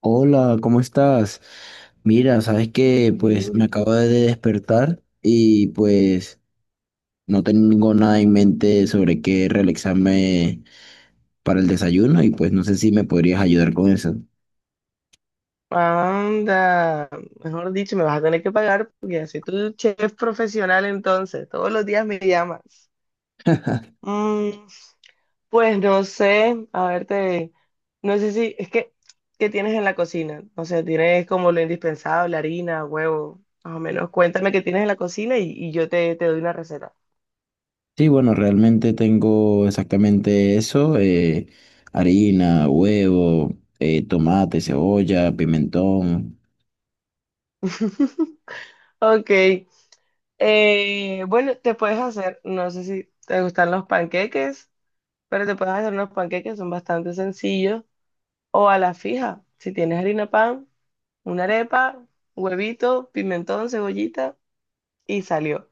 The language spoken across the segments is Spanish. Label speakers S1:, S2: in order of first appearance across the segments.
S1: Hola, ¿cómo estás? Mira, sabes que pues
S2: Bien,
S1: me acabo
S2: bien.
S1: de despertar y pues no tengo nada en mente sobre qué realizarme para el desayuno y pues no sé si me podrías ayudar con eso.
S2: Anda, mejor dicho, me vas a tener que pagar porque así tú chef profesional entonces, todos los días me llamas. Mm, pues no sé, a verte, no sé si, ¿qué tienes en la cocina? No sé, tienes como lo indispensable, harina, huevo, más o menos. Cuéntame qué tienes en la cocina y yo te doy una receta.
S1: Sí, bueno, realmente tengo exactamente eso, harina, huevo, tomate, cebolla, pimentón.
S2: Ok, bueno, te puedes hacer, no sé si te gustan los panqueques, pero te puedes hacer unos panqueques, son bastante sencillos. O a la fija, si tienes harina pan, una arepa, huevito, pimentón, cebollita y salió.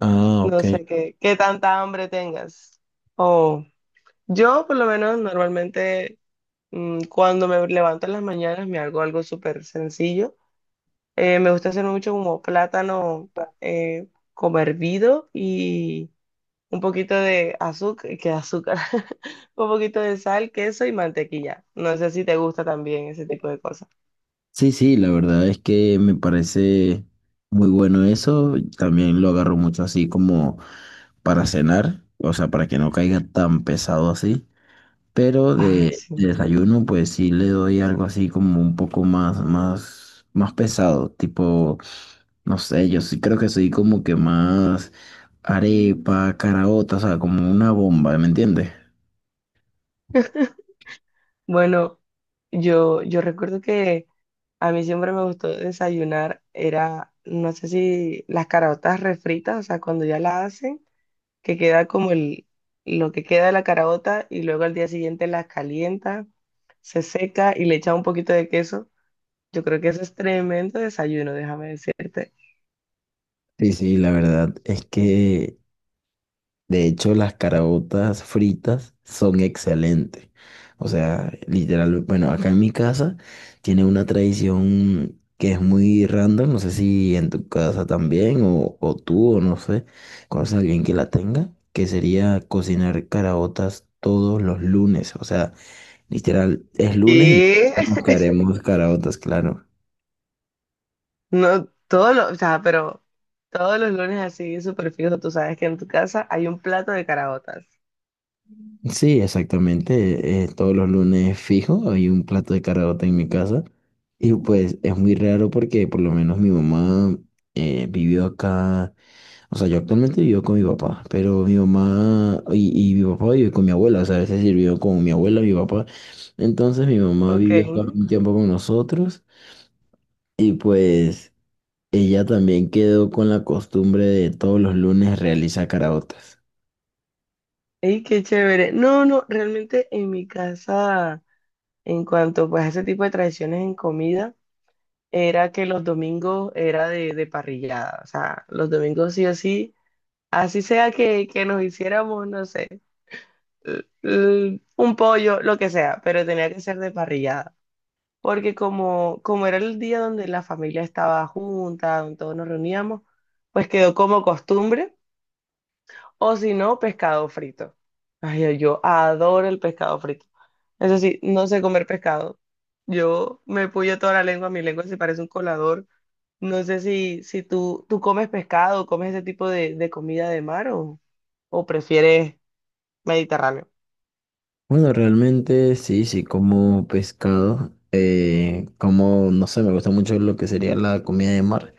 S1: Ah,
S2: No
S1: ok.
S2: sé qué tanta hambre tengas. O yo por lo menos normalmente cuando me levanto en las mañanas me hago algo súper sencillo. Me gusta hacer mucho como plátano eh, como hervido y un poquito de azúcar, que azúcar, un poquito de sal, queso y mantequilla. No sé si te gusta también ese tipo de cosas.
S1: Sí, sí, la verdad es que me parece muy bueno eso. También lo agarro mucho así como para cenar, o sea, para que no caiga tan pesado así. Pero
S2: Ah,
S1: de
S2: sí.
S1: desayuno, pues sí le doy algo así como un poco más, más, más pesado, tipo, no sé, yo sí creo que soy como que más arepa, caraota, o sea, como una bomba, ¿me entiendes?
S2: Bueno, yo recuerdo que a mí siempre me gustó desayunar, era, no sé si las caraotas refritas, o sea, cuando ya la hacen, que queda como lo que queda de la caraota y luego al día siguiente las calienta, se seca y le echa un poquito de queso. Yo creo que eso es tremendo desayuno, déjame decirte.
S1: Sí, sí, la verdad es que de hecho, las caraotas fritas son excelentes. O sea, literal, bueno, acá en mi casa tiene una tradición que es muy random. No sé si en tu casa también o tú o no sé, conoces a alguien que la tenga, que sería cocinar caraotas todos los lunes. O sea, literal, es lunes y
S2: Y
S1: ya nos haremos caraotas, claro.
S2: no, todos o sea, pero todos los lunes así, súper fijo, tú sabes que en tu casa hay un plato de caraotas.
S1: Sí, exactamente. Todos los lunes fijo, hay un plato de caraota en mi casa. Y pues es muy raro porque por lo menos mi mamá vivió acá. O sea, yo actualmente vivo con mi papá, pero mi mamá y, mi papá vive con mi abuela. O sea, a veces sí vivo con mi abuela, mi papá. Entonces mi mamá
S2: Ok.
S1: vivió acá un tiempo con nosotros. Y pues ella también quedó con la costumbre de todos los lunes realizar caraotas.
S2: Ey, qué chévere. No, no, realmente en mi casa, en cuanto pues a ese tipo de tradiciones en comida, era que los domingos era de parrillada. O sea, los domingos sí o sí, así sea que nos hiciéramos, no sé, un pollo, lo que sea, pero tenía que ser de parrillada. Porque como era el día donde la familia estaba junta, donde todos nos reuníamos, pues quedó como costumbre. O si no, pescado frito. Ay, yo adoro el pescado frito. Eso sí, no sé comer pescado. Yo me puyo toda la lengua, mi lengua se parece un colador. No sé si tú comes pescado, comes ese tipo de comida de mar o prefieres mediterráneo.
S1: Bueno, realmente sí, sí, como pescado, como, no sé, me gusta mucho lo que sería la comida de mar,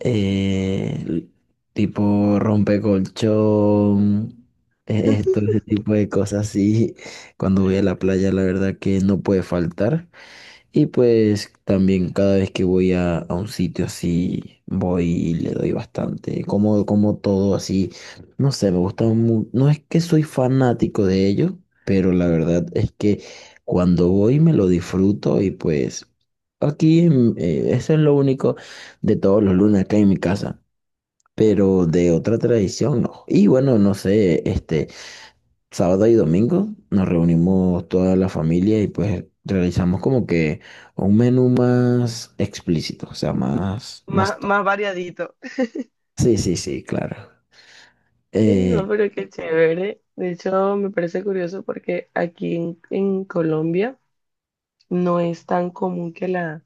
S1: eh, l- tipo rompecolchón, todo ese tipo de cosas, sí, cuando voy a la playa, la verdad que no puede faltar. Y pues también cada vez que voy a un sitio así, voy y le doy bastante, como, como todo así, no sé, me gusta mucho, no es que soy fanático de ellos, pero la verdad es que cuando voy me lo disfruto y pues eso es lo único de todos los lunes acá en mi casa, pero de otra tradición no. Y bueno, no sé, este, sábado y domingo nos reunimos toda la familia y pues realizamos como que un menú más explícito, o sea, más, más
S2: Más,
S1: top.
S2: más variadito.
S1: Sí, sí, sí, claro.
S2: Ay,
S1: Eh,
S2: no, pero qué chévere. De hecho, me parece curioso porque aquí en Colombia no es tan común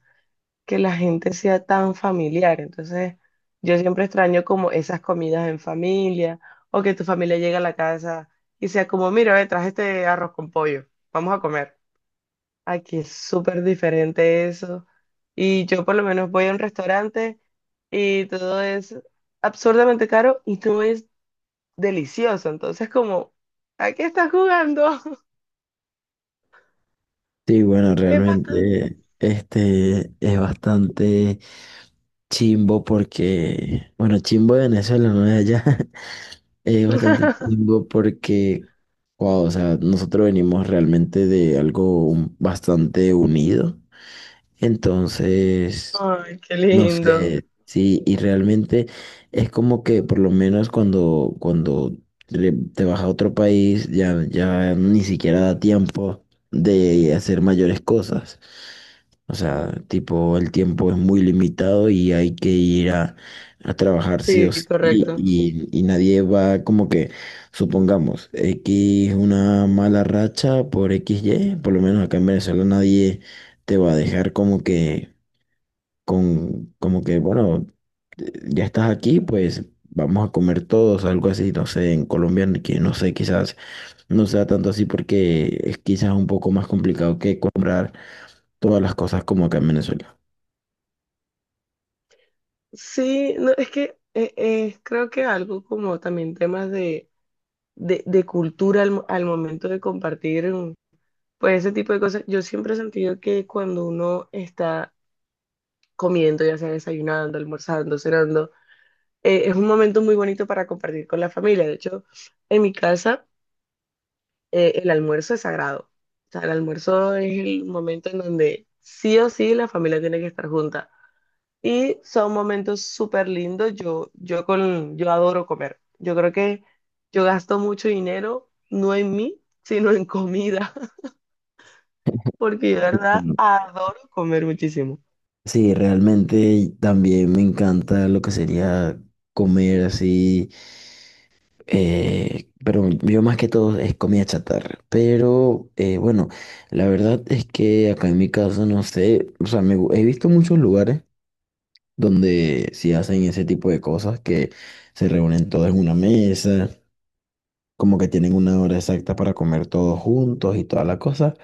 S2: que la gente sea tan familiar. Entonces, yo siempre extraño como esas comidas en familia o que tu familia llegue a la casa y sea como, mira, ve, traje este arroz con pollo, vamos a comer. Aquí es súper diferente eso. Y yo por lo menos voy a un restaurante y todo es absurdamente caro y todo es delicioso. Entonces, como, ¿a qué estás jugando?
S1: sí, bueno,
S2: Es bastante.
S1: realmente este es bastante chimbo porque, bueno, chimbo de Venezuela, no de allá, es bastante chimbo porque, wow, o sea, nosotros venimos realmente de algo bastante unido. Entonces...
S2: Ay, qué
S1: No
S2: lindo.
S1: sé, sí, y realmente es como que por lo menos cuando te vas a otro país ya ni siquiera da tiempo de hacer mayores cosas. O sea, tipo, el tiempo es muy limitado y hay que ir a trabajar sí o
S2: Sí,
S1: sí y, claro,
S2: correcto.
S1: y nadie va como que, supongamos, X una mala racha por x y por lo menos acá en Venezuela nadie te va a dejar como que con como que, bueno, ya estás aquí, pues vamos a comer todos, algo así, no sé, en Colombia, ni que no sé, quizás no sea tanto así porque es quizás un poco más complicado que comprar todas las cosas como acá en Venezuela.
S2: Sí, no, es que creo que algo como también temas de cultura al momento de compartir, pues ese tipo de cosas. Yo siempre he sentido que cuando uno está comiendo, ya sea desayunando, almorzando, cenando, es un momento muy bonito para compartir con la familia. De hecho, en mi casa, el almuerzo es sagrado. O sea, el almuerzo es el momento en donde sí o sí la familia tiene que estar junta. Y son momentos súper lindos. Yo adoro comer. Yo creo que yo gasto mucho dinero, no en mí, sino en comida, porque yo de verdad
S1: Bueno,
S2: adoro comer muchísimo.
S1: sí, realmente también me encanta lo que sería comer así, pero yo más que todo es comida chatarra. Pero bueno, la verdad es que acá en mi casa, no sé, o sea, he visto muchos lugares donde sí hacen ese tipo de cosas que se reúnen todos en una mesa, como que tienen una hora exacta para comer todos juntos y toda la cosa.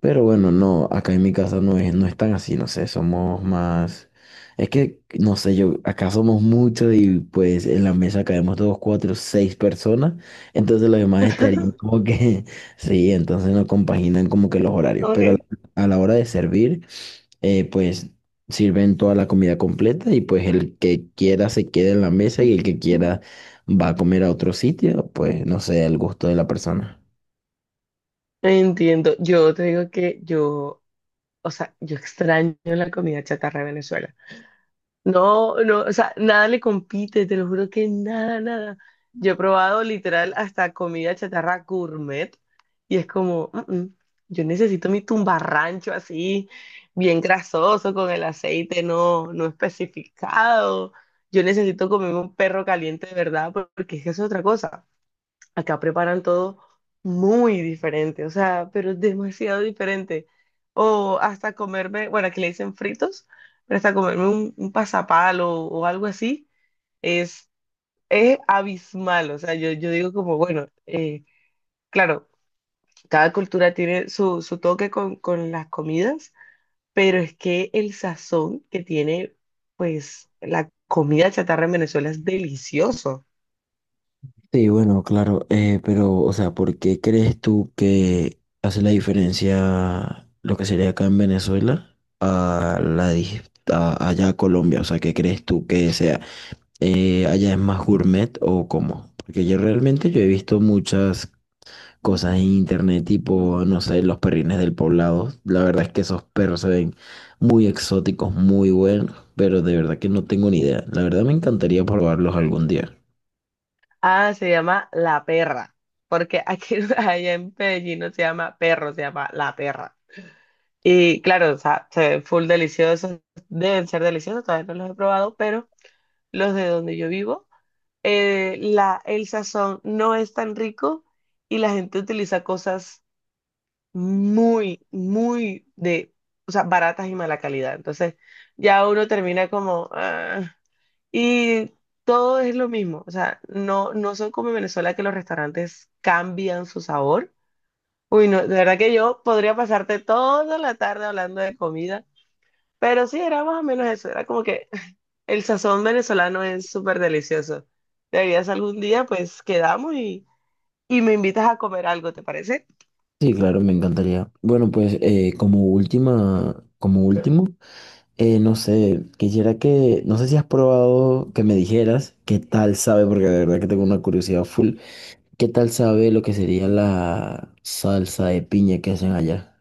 S1: Pero bueno, no, acá en mi casa no es, no es tan así, no sé, somos más... Es que, no sé, yo, acá somos muchos y pues en la mesa caemos dos, cuatro, seis personas, entonces los demás estarían como que, sí, entonces no compaginan como que los horarios,
S2: Ok.
S1: pero a la hora de servir pues sirven toda la comida completa y pues el que quiera se queda en la mesa y el que quiera va a comer a otro sitio, pues no sé, al gusto de la persona.
S2: Entiendo. Yo te digo que yo, o sea, yo extraño la comida chatarra de Venezuela. No, no, o sea, nada le compite, te lo juro que nada, nada. Yo he probado literal hasta comida chatarra gourmet y es como, "Mm, mm, yo necesito mi tumbarrancho así, bien grasoso, con el aceite no, no especificado. Yo necesito comerme un perro caliente de verdad porque es que eso es otra cosa. Acá preparan todo muy diferente, o sea, pero demasiado diferente. O hasta comerme, bueno, aquí le dicen fritos, pero hasta comerme un pasapalo o algo así, es, es abismal. O sea, yo digo como, bueno, claro, cada cultura tiene su toque con las comidas, pero es que el sazón que tiene, pues, la comida chatarra en Venezuela es delicioso.
S1: Sí, bueno, claro, pero, o sea, ¿por qué crees tú que hace la diferencia lo que sería acá en Venezuela a la allá a Colombia? O sea, ¿qué crees tú que sea? ¿Allá es más gourmet o cómo? Porque yo realmente yo he visto muchas cosas en internet, tipo, no sé, los perrines del poblado. La verdad es que esos perros se ven muy exóticos, muy buenos, pero de verdad que no tengo ni idea. La verdad me encantaría probarlos algún día.
S2: Ah, se llama La Perra, porque aquí allá en Medellín no se llama perro, se llama La Perra. Y claro, o sea, se ven full deliciosos, deben ser deliciosos, todavía no los he probado, pero los de donde yo vivo, el sazón no es tan rico y la gente utiliza cosas muy, muy de, o sea, baratas y mala calidad. Entonces ya uno termina como... ah. Y todo es lo mismo, o sea, no, no son como en Venezuela que los restaurantes cambian su sabor. Uy, no, de verdad que yo podría pasarte toda la tarde hablando de comida, pero sí, era más o menos eso, era como que el sazón venezolano es súper delicioso. Deberías algún día, pues quedamos y me invitas a comer algo, ¿te parece?
S1: Sí, claro, me encantaría. Bueno, pues como último, no sé, quisiera que, no sé si has probado que me dijeras qué tal sabe, porque de verdad que tengo una curiosidad full, qué tal sabe lo que sería la salsa de piña que hacen allá.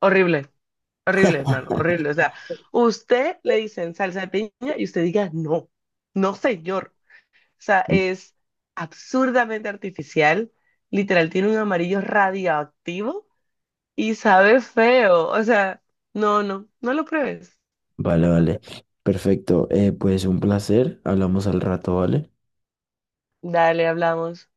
S2: Horrible, horrible, hermano, horrible. O sea, usted le dicen salsa de piña y usted diga, no, no, señor. Sea, es absurdamente artificial. Literal, tiene un amarillo radioactivo y sabe feo. O sea, no, no, no lo pruebes.
S1: Vale, vale. Perfecto. Pues un placer. Hablamos al rato, ¿vale?
S2: Dale, hablamos.